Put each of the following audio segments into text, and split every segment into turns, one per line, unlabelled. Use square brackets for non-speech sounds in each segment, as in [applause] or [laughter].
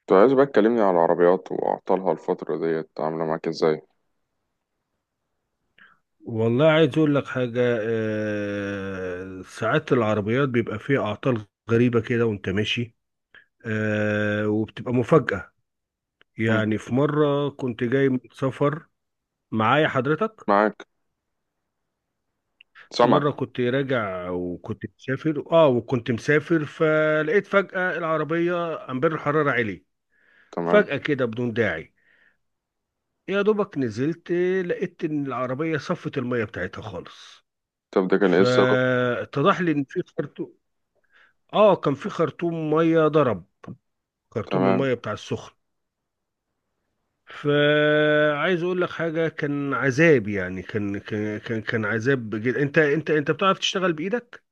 كنت عايز بقى تكلمني على العربيات وأعطالها الفترة ديت عاملة معاك إزاي؟
والله عايز اقول لك حاجة آه، ساعات العربيات بيبقى فيها اعطال غريبة كده وانت ماشي. آه، وبتبقى مفاجأة.
مم.
يعني في مرة كنت جاي من سفر، معايا حضرتك.
معاك. سامعك.
مرة كنت راجع وكنت مسافر، وكنت مسافر فلقيت فجأة العربية امبير الحرارة عالي،
تمام.
فجأة كده بدون داعي. يا دوبك نزلت، لقيت ان العربية صفت المية بتاعتها خالص.
طب ده كان إيه السبب؟
فاتضح لي ان في خرطوم، اه كان في خرطوم ميه ضرب، خرطوم الميه
تمام.
بتاع السخن. فعايز اقول لك حاجه، كان عذاب. يعني كان عذاب جدا. انت بتعرف تشتغل بايدك؟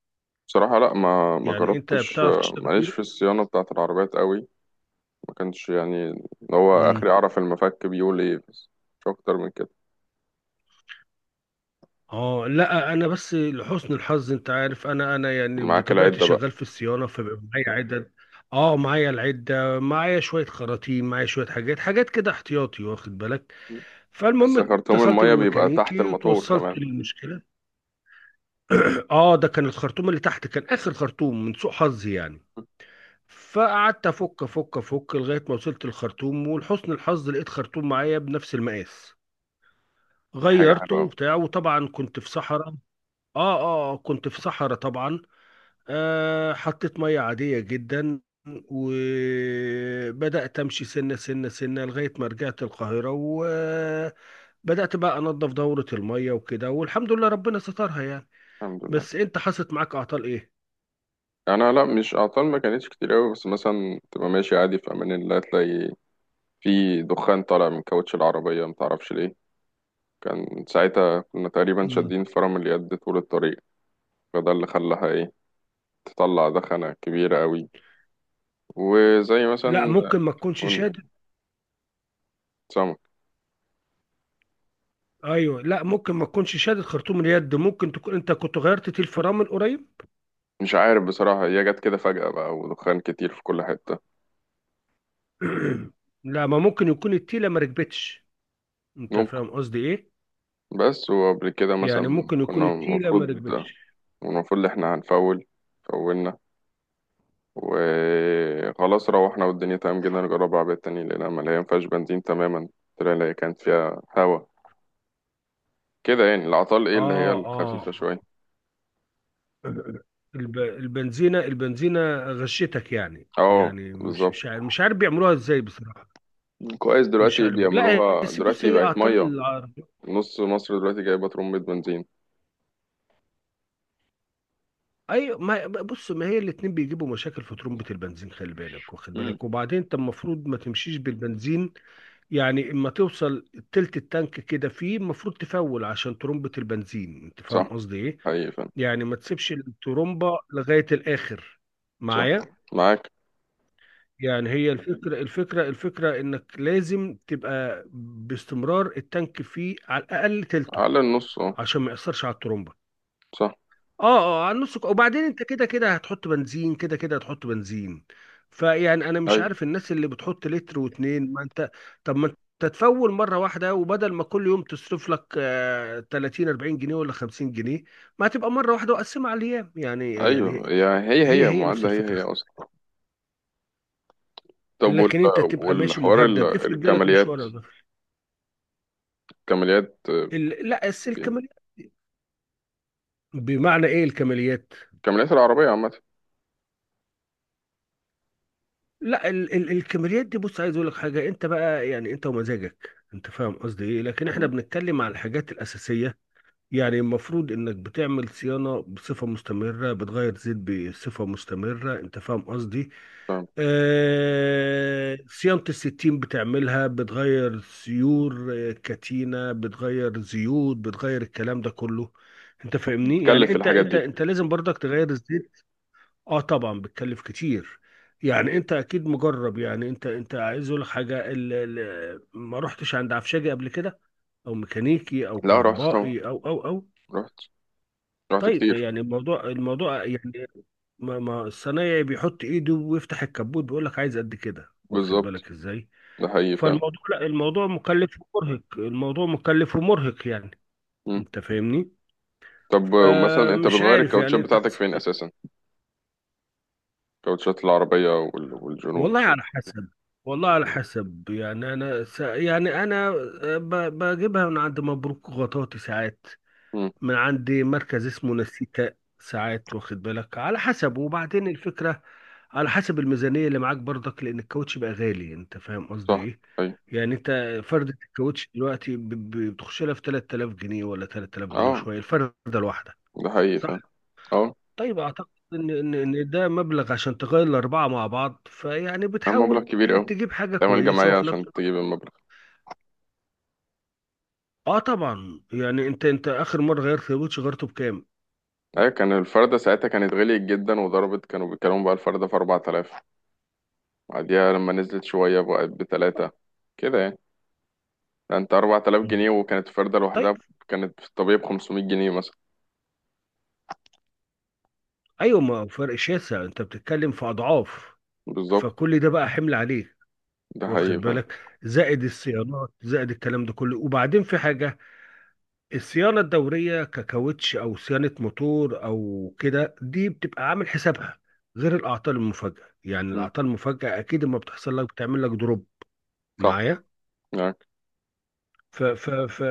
بصراحة لأ، ما
يعني انت
جربتش.
بتعرف تشتغل
ماليش في
بايدك.
الصيانة بتاعة العربيات قوي. ما كانش يعني اللي هو
امم
آخري أعرف المفك بيقول إيه بس. مش أكتر من كده.
اه، لا انا بس لحسن الحظ انت عارف، انا يعني
معاك
بطبيعتي
العدة بقى.
شغال في الصيانه، فبيبقى معايا عدد. اه معايا العده، معايا شويه خراطيم، معايا شويه حاجات، كده احتياطي واخد بالك.
بس
فالمهم
خرطوم
اتصلت
المية بيبقى تحت
بالميكانيكي
الموتور
وتوصلت
كمان.
للمشكله. اه ده كان الخرطوم اللي تحت، كان اخر خرطوم من سوء حظي يعني. فقعدت افك لغايه ما وصلت الخرطوم، ولحسن الحظ لقيت خرطوم معايا بنفس المقاس.
دي حاجة
غيرته
حلوة أوي.
وبتاع، وطبعا كنت في صحراء. كنت في صحراء طبعا. آه حطيت ميه عاديه جدا، وبدات امشي سنه لغايه ما رجعت القاهره، وبدات بقى انظف دوره الميه وكده، والحمد لله ربنا سترها يعني.
الحمد لله.
بس انت حصلت معاك اعطال ايه؟
أنا لأ، مش أعطال، ما كانتش كتير أوي، بس مثلا تبقى ماشي عادي في أمان الله تلاقي في دخان طالع من كاوتش العربية متعرفش ليه. كان ساعتها كنا تقريبا شادين فرامل يد طول الطريق، فده اللي خلاها ايه، تطلع دخنة كبيرة قوي. وزي
لا
مثلا
ممكن ما تكونش
كون،
شادد.
سمك.
ايوه لا ممكن ما تكونش شادد خرطوم اليد، ممكن تكون انت كنت غيرت تيل فرامل من قريب.
مش عارف بصراحة، هي جت كده فجأة بقى، ودخان كتير في كل حتة.
[clears throat] لا ما ممكن يكون التيله ما ركبتش. انت
ممكن.
فاهم قصدي ايه؟
بس وقبل كده
يعني
مثلا
ممكن يكون
كنا
التيله
المفروض،
ما ركبتش.
المفروض إن احنا هنفول، فولنا وخلاص، روحنا والدنيا تمام جدا، نجرب عربية تانية لقينا مليان فيهاش بنزين تماما. طلع هي كانت فيها هوا كده، يعني العطال ايه اللي هي
اه اه
الخفيفة
آه.
شوية.
البنزينه غشتك. يعني
اه.
يعني مش
بالظبط.
مش عارف، مش عارف بيعملوها ازاي بصراحه.
كويس،
مش
دلوقتي
عارف، لا هي-
بيعملوها
بس بص،
دلوقتي
هي
بقت
اعطال
ميه.
العرب.
نص مصر دلوقتي جايبه ترمبة بنزين.
ايوه ما بص، ما هي الاتنين بيجيبوا مشاكل في ترمبة البنزين، خلي بالك واخد
امم.
بالك. وبعدين انت المفروض ما تمشيش بالبنزين، يعني اما توصل تلت التانك كده، فيه المفروض تفول عشان ترمبة البنزين، انت فاهم
صح.
قصدي ايه؟
حقيقي فعلا.
يعني ما تسيبش الترمبة لغاية الاخر،
صح.
معايا؟
معاك.
يعني هي الفكرة انك لازم تبقى باستمرار التانك فيه على الاقل تلته،
على النص اه.
عشان ما يأثرش على الترمبة.
صح.
اه، اه على النص. وبعدين انت كده كده هتحط بنزين، كده كده هتحط بنزين. فيعني انا مش
اي.
عارف الناس اللي بتحط لتر واتنين، ما انت طب ما انت تفول مره واحده، وبدل ما كل يوم تصرف لك آه 30 40 جنيه ولا 50 جنيه، ما هتبقى مره واحده وقسمها على الايام يعني
ايوه،
يعني.
يا هي
هي
هي
هي نفس
معادلة هي
الفكره.
هي اصلا. طب وال...
لكن انت تبقى ماشي
والحوار
مهدد، افرض جالك
الكماليات،
مشوار
كماليات.
لا السلك مليان. بمعنى ايه الكماليات؟
كماليات العربية عامة.
لا ال الكاميرات دي، بص عايز اقول لك حاجه، انت بقى يعني انت ومزاجك، انت فاهم قصدي ايه؟ لكن احنا
مم.
بنتكلم على الحاجات الاساسيه. يعني المفروض انك بتعمل صيانه بصفه مستمره، بتغير زيت بصفه مستمره، انت فاهم قصدي؟
فاهم.
آه، صيانه الستين بتعملها، بتغير سيور آه، كتينه، بتغير زيوت، بتغير الكلام ده كله. انت فاهمني؟ يعني
تكلف
انت
الحاجات
انت
دي.
انت لازم برضك تغير الزيت. اه طبعا بتكلف كتير. يعني انت اكيد مجرب. يعني انت عايز اقول لك حاجه، ما رحتش عند عفشاجي قبل كده، او ميكانيكي او
لا رحت طبعا،
كهربائي او؟
رحت رحت
طيب
كتير.
يعني الموضوع يعني، ما ما الصنايعي بيحط ايده ويفتح الكبوت، بيقول لك عايز قد كده، واخد
بالظبط.
بالك ازاي؟
ده حقيقي فعلا.
فالموضوع، لا الموضوع مكلف ومرهق، الموضوع مكلف ومرهق يعني.
مم.
انت فاهمني؟
طب مثلا انت
فمش
بتغير
عارف يعني
الكاوتشات
انت.
بتاعتك فين اساسا؟ كاوتشات العربية. وال... والجنوب.
والله على حسب، والله على حسب. يعني انا يعني انا آه، بجيبها من عند مبروك غطاطي ساعات،
مم.
من عند مركز اسمه نسيكا ساعات، واخد بالك؟ على حسب. وبعدين الفكرة على حسب الميزانية اللي معاك برضك، لان الكاوتش بقى غالي، انت فاهم قصدي
صح.
ايه؟
أيوة.
يعني انت فردة الكاوتش دلوقتي بتخش لها في 3000 جنيه ولا 3000 جنيه
أه.
شوية، الفردة الواحدة.
ده حقيقي فعلا. أه.
طيب اعتقد ان إن ده مبلغ عشان تغير الاربعه مع بعض، فيعني
كان مبلغ
بتحاول
كبير أوي.
تجيب حاجه
تعمل
كويسه،
جمعية
وفي نفس
عشان
الوقت.
تجيب المبلغ.
اه طبعا يعني انت، انت اخر مره غيرت الوتش غيرته بكام؟
أيوة، كان الفردة ساعتها كانت غليت جدا وضربت، كانوا بيتكلموا بقى الفردة في 4000. بعديها لما نزلت شوية بقت بتلاتة كده يعني. ده أنت 4000
مم.
جنيه وكانت الفردة
طيب.
لوحدها، كانت في الطبيعي ب 500 جنيه مثلا.
ايوه ما هو فرق شاسع، انت بتتكلم في اضعاف.
بالظبط.
فكل ده بقى حمل عليك،
ده حقيقي
واخد
فعلا.
بالك؟ زائد الصيانات، زائد الكلام ده كله. وبعدين في حاجه، الصيانة الدورية ككاوتش أو صيانة موتور أو كده، دي بتبقى عامل حسابها، غير الأعطال المفاجئة. يعني
مم.
الأعطال المفاجئة أكيد لما بتحصل لك بتعمل لك دروب،
صح.
معايا؟
يعني
ف ف ف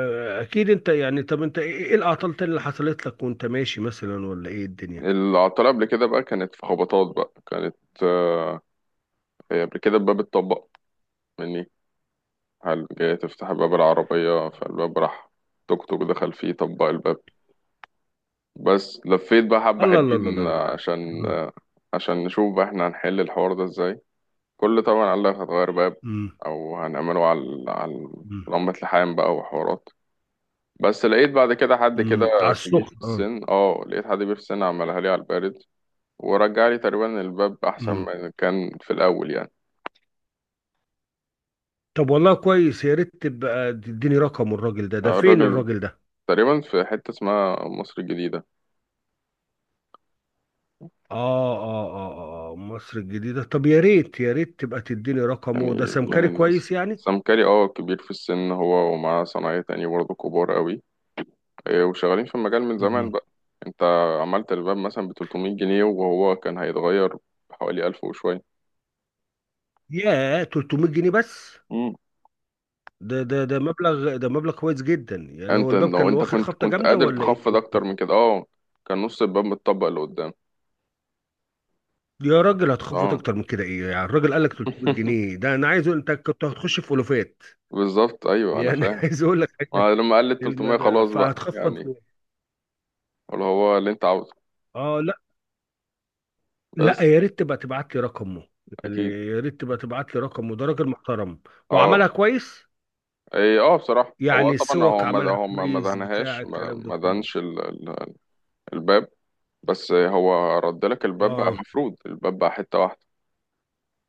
أكيد أنت يعني، طب أنت إيه، إيه الأعطال تاني اللي حصلت لك وأنت ماشي مثلا، ولا إيه الدنيا؟
العطلة قبل كده بقى كانت في خبطات بقى كانت آه، هي قبل كده الباب اتطبق مني، هل جاي تفتح باب العربية فالباب راح، توك توك دخل فيه طبق الباب. بس لفيت بقى حبة
الله الله الله
حلوين
الله
عشان
الله.
عشان نشوف بقى احنا هنحل الحوار ده ازاي. كل طبعا قال لك هتغير باب،
أمم،
او هنعمله على
أمم،
لمبة لحام بقى وحوارات. بس لقيت بعد كده حد كده
أمم، على
كبير
السخن،
في
أه.
السن، لقيت حد كبير في السن عملها لي على البارد، ورجع لي تقريبا الباب احسن
أمم.
ما كان في الاول يعني.
طب والله كويس، يا ريت تبقى تديني رقم الراجل ده، ده فين
الراجل
الراجل ده؟
تقريبا في حتة اسمها مصر الجديدة
مصر الجديدة، طب يا ريت تبقى تديني
يعني،
رقمه، ده
من
سمكري
الناس.
كويس يعني.
سام كاري كبير في السن، هو ومعاه صنايعية تاني برضه كبار قوي، إيه، وشغالين في المجال من زمان
مم.
بقى. انت عملت الباب مثلا ب 300 جنيه وهو كان هيتغير بحوالي 1000 وشوية.
ياه، 300 جنيه بس؟
مم.
ده مبلغ، ده مبلغ كويس جدا يعني. هو
انت
الباب
لو
كان
انت
واخد
كنت
خبطة
كنت
جامدة
قادر
ولا إيه؟
تخفض اكتر من كده، اه، كان نص الباب متطبق لقدام.
يا راجل هتخفض
اه.
أكتر من كده إيه؟ يعني الراجل قال لك 300
[laughs]
جنيه ده أنا عايز أقول أنت كنت هتخش في ألوفات.
بالظبط، ايوه انا
يعني [laughs]
فاهم.
عايز أقول لك حاجة،
ما لما قال لي 300
المدى
خلاص بقى
فهتخفض.
يعني، اللي هو اللي انت عاوزه.
آه لا، لا
بس.
يا ريت تبقى تبعت لي رقمه. يعني
اكيد.
يا ريت تبقى تبعت لي رقمه، ده راجل محترم وعملها
اه.
كويس.
إيه، اه، بصراحة هو آه
يعني
طبعا هو
السوق
ما
عملها
هو ما ما
كويس بتاع
دهنهاش، ما
الكلام ده
ما
كله.
دهنش ال... ال... الباب. بس هو رد لك الباب بقى
اه،
مفرود، الباب بقى حتة واحدة،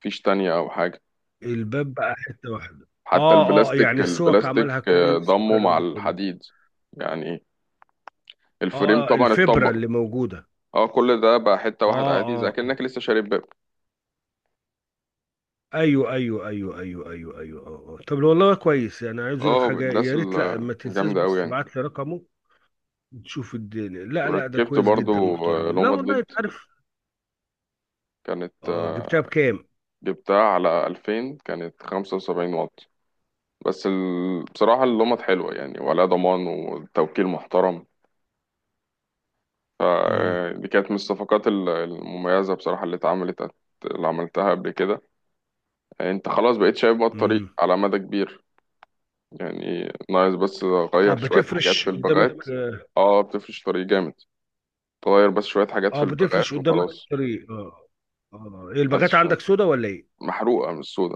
مفيش تانية أو حاجة.
الباب بقى حتة واحدة.
حتى
اه اه،
البلاستيك
يعني السوق
البلاستيك
عملها كويس
ضمه
والكلام
مع
ده كله.
الحديد يعني، الفريم
اه آه،
طبعا
الفبرة
اتطبق.
اللي موجودة.
اه، كل ده بقى حتة
اه
واحدة عادي زي
اه آه.
كأنك لسه شاري باب.
ايوه اه آه. طب والله كويس، يعني عايز اقول لك
اه
حاجة،
الناس
يا ريت لا ما تنساش
الجامدة أوي
بس
يعني.
تبعت لي رقمه، تشوف الدنيا. لا لا ده
وركبت
كويس جدا،
برضو
محترم، لا
لومد
والله
ليد،
انت عارف.
كانت
اه جبتها بكام؟
جبتها على 2000، كانت 75 واط. بس ال... بصراحة اللمط حلوة يعني، ولا ضمان والتوكيل محترم،
امم.
فدي كانت من الصفقات المميزة بصراحة اللي اتعملت، اللي عملتها قبل كده. يعني انت خلاص بقيت شايف بقى الطريق
امم.
على مدى كبير يعني، ناقص بس
اه
غير شوية حاجات
بتفرش
في
قدامك.
البغات. اه بتفرش طريق جامد، تغير بس شوية حاجات في
اه بتفرش
البغات
قدامك
وخلاص.
الطريق، اه. اه إيه
بس
الباغات
عشان
عندك سودا ولا ايه؟
محروقة من السودا،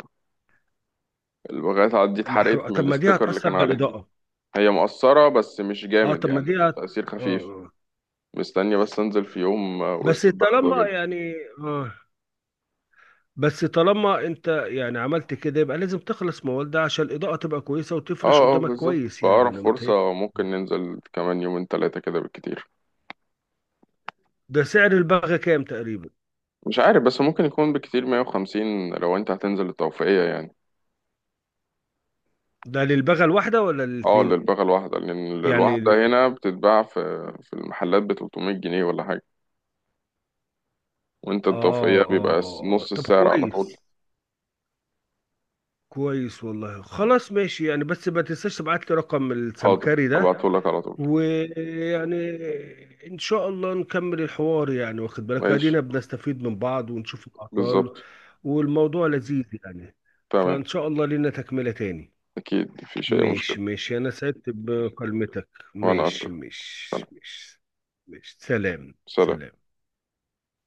البغات عاد دي اتحرقت
محروقه؟
من
طب ما دي
الاستيكر اللي
هتأثر
كان
على
عليها.
الإضاءة.
هي مؤثرة بس مش
اه
جامد
طب ما
يعني،
دي
تأثير
اه
خفيف.
آه.
مستني بس انزل في يوم
بس
وسط البلد
طالما
واجيبها.
يعني، اه، بس طالما انت يعني عملت كده، يبقى لازم تخلص موال ده عشان الإضاءة تبقى كويسة وتفرش
اه اه
قدامك
بالظبط،
كويس، يعني
فأقرب
انا متهيألي.
فرصة ممكن ننزل كمان يومين تلاتة كده بالكتير.
ده سعر الباغة كام تقريبا؟
مش عارف، بس ممكن يكون بالكتير 150 لو انت هتنزل التوفيقية يعني.
ده للباغة الواحدة ولا
اه،
الاتنين؟
للبغل الواحدة، لأن
يعني
الواحدة
ل-
هنا بتتباع في المحلات ب 300 جنيه ولا حاجة، وانت
اه
التوفيقية
اه
بيبقى
اه آه.
نص
طب
السعر على طول.
كويس، كويس والله، خلاص ماشي يعني، بس ما تنساش تبعت لي رقم
حاضر
السمكري ده.
هبعتهولك على طول.
ويعني ان شاء الله نكمل الحوار، يعني واخد بالك
ماشي.
ادينا بنستفيد من بعض، ونشوف الاعطال،
بالظبط.
والموضوع لذيذ يعني.
تمام.
فان شاء الله لنا تكملة تاني.
أكيد مفيش أي مشكلة.
ماشي ماشي، انا سعدت بكلمتك.
وأنا
ماشي
أكتر. تمام.
ماشي ماشي ماشي سلام،
سلام.
سلام.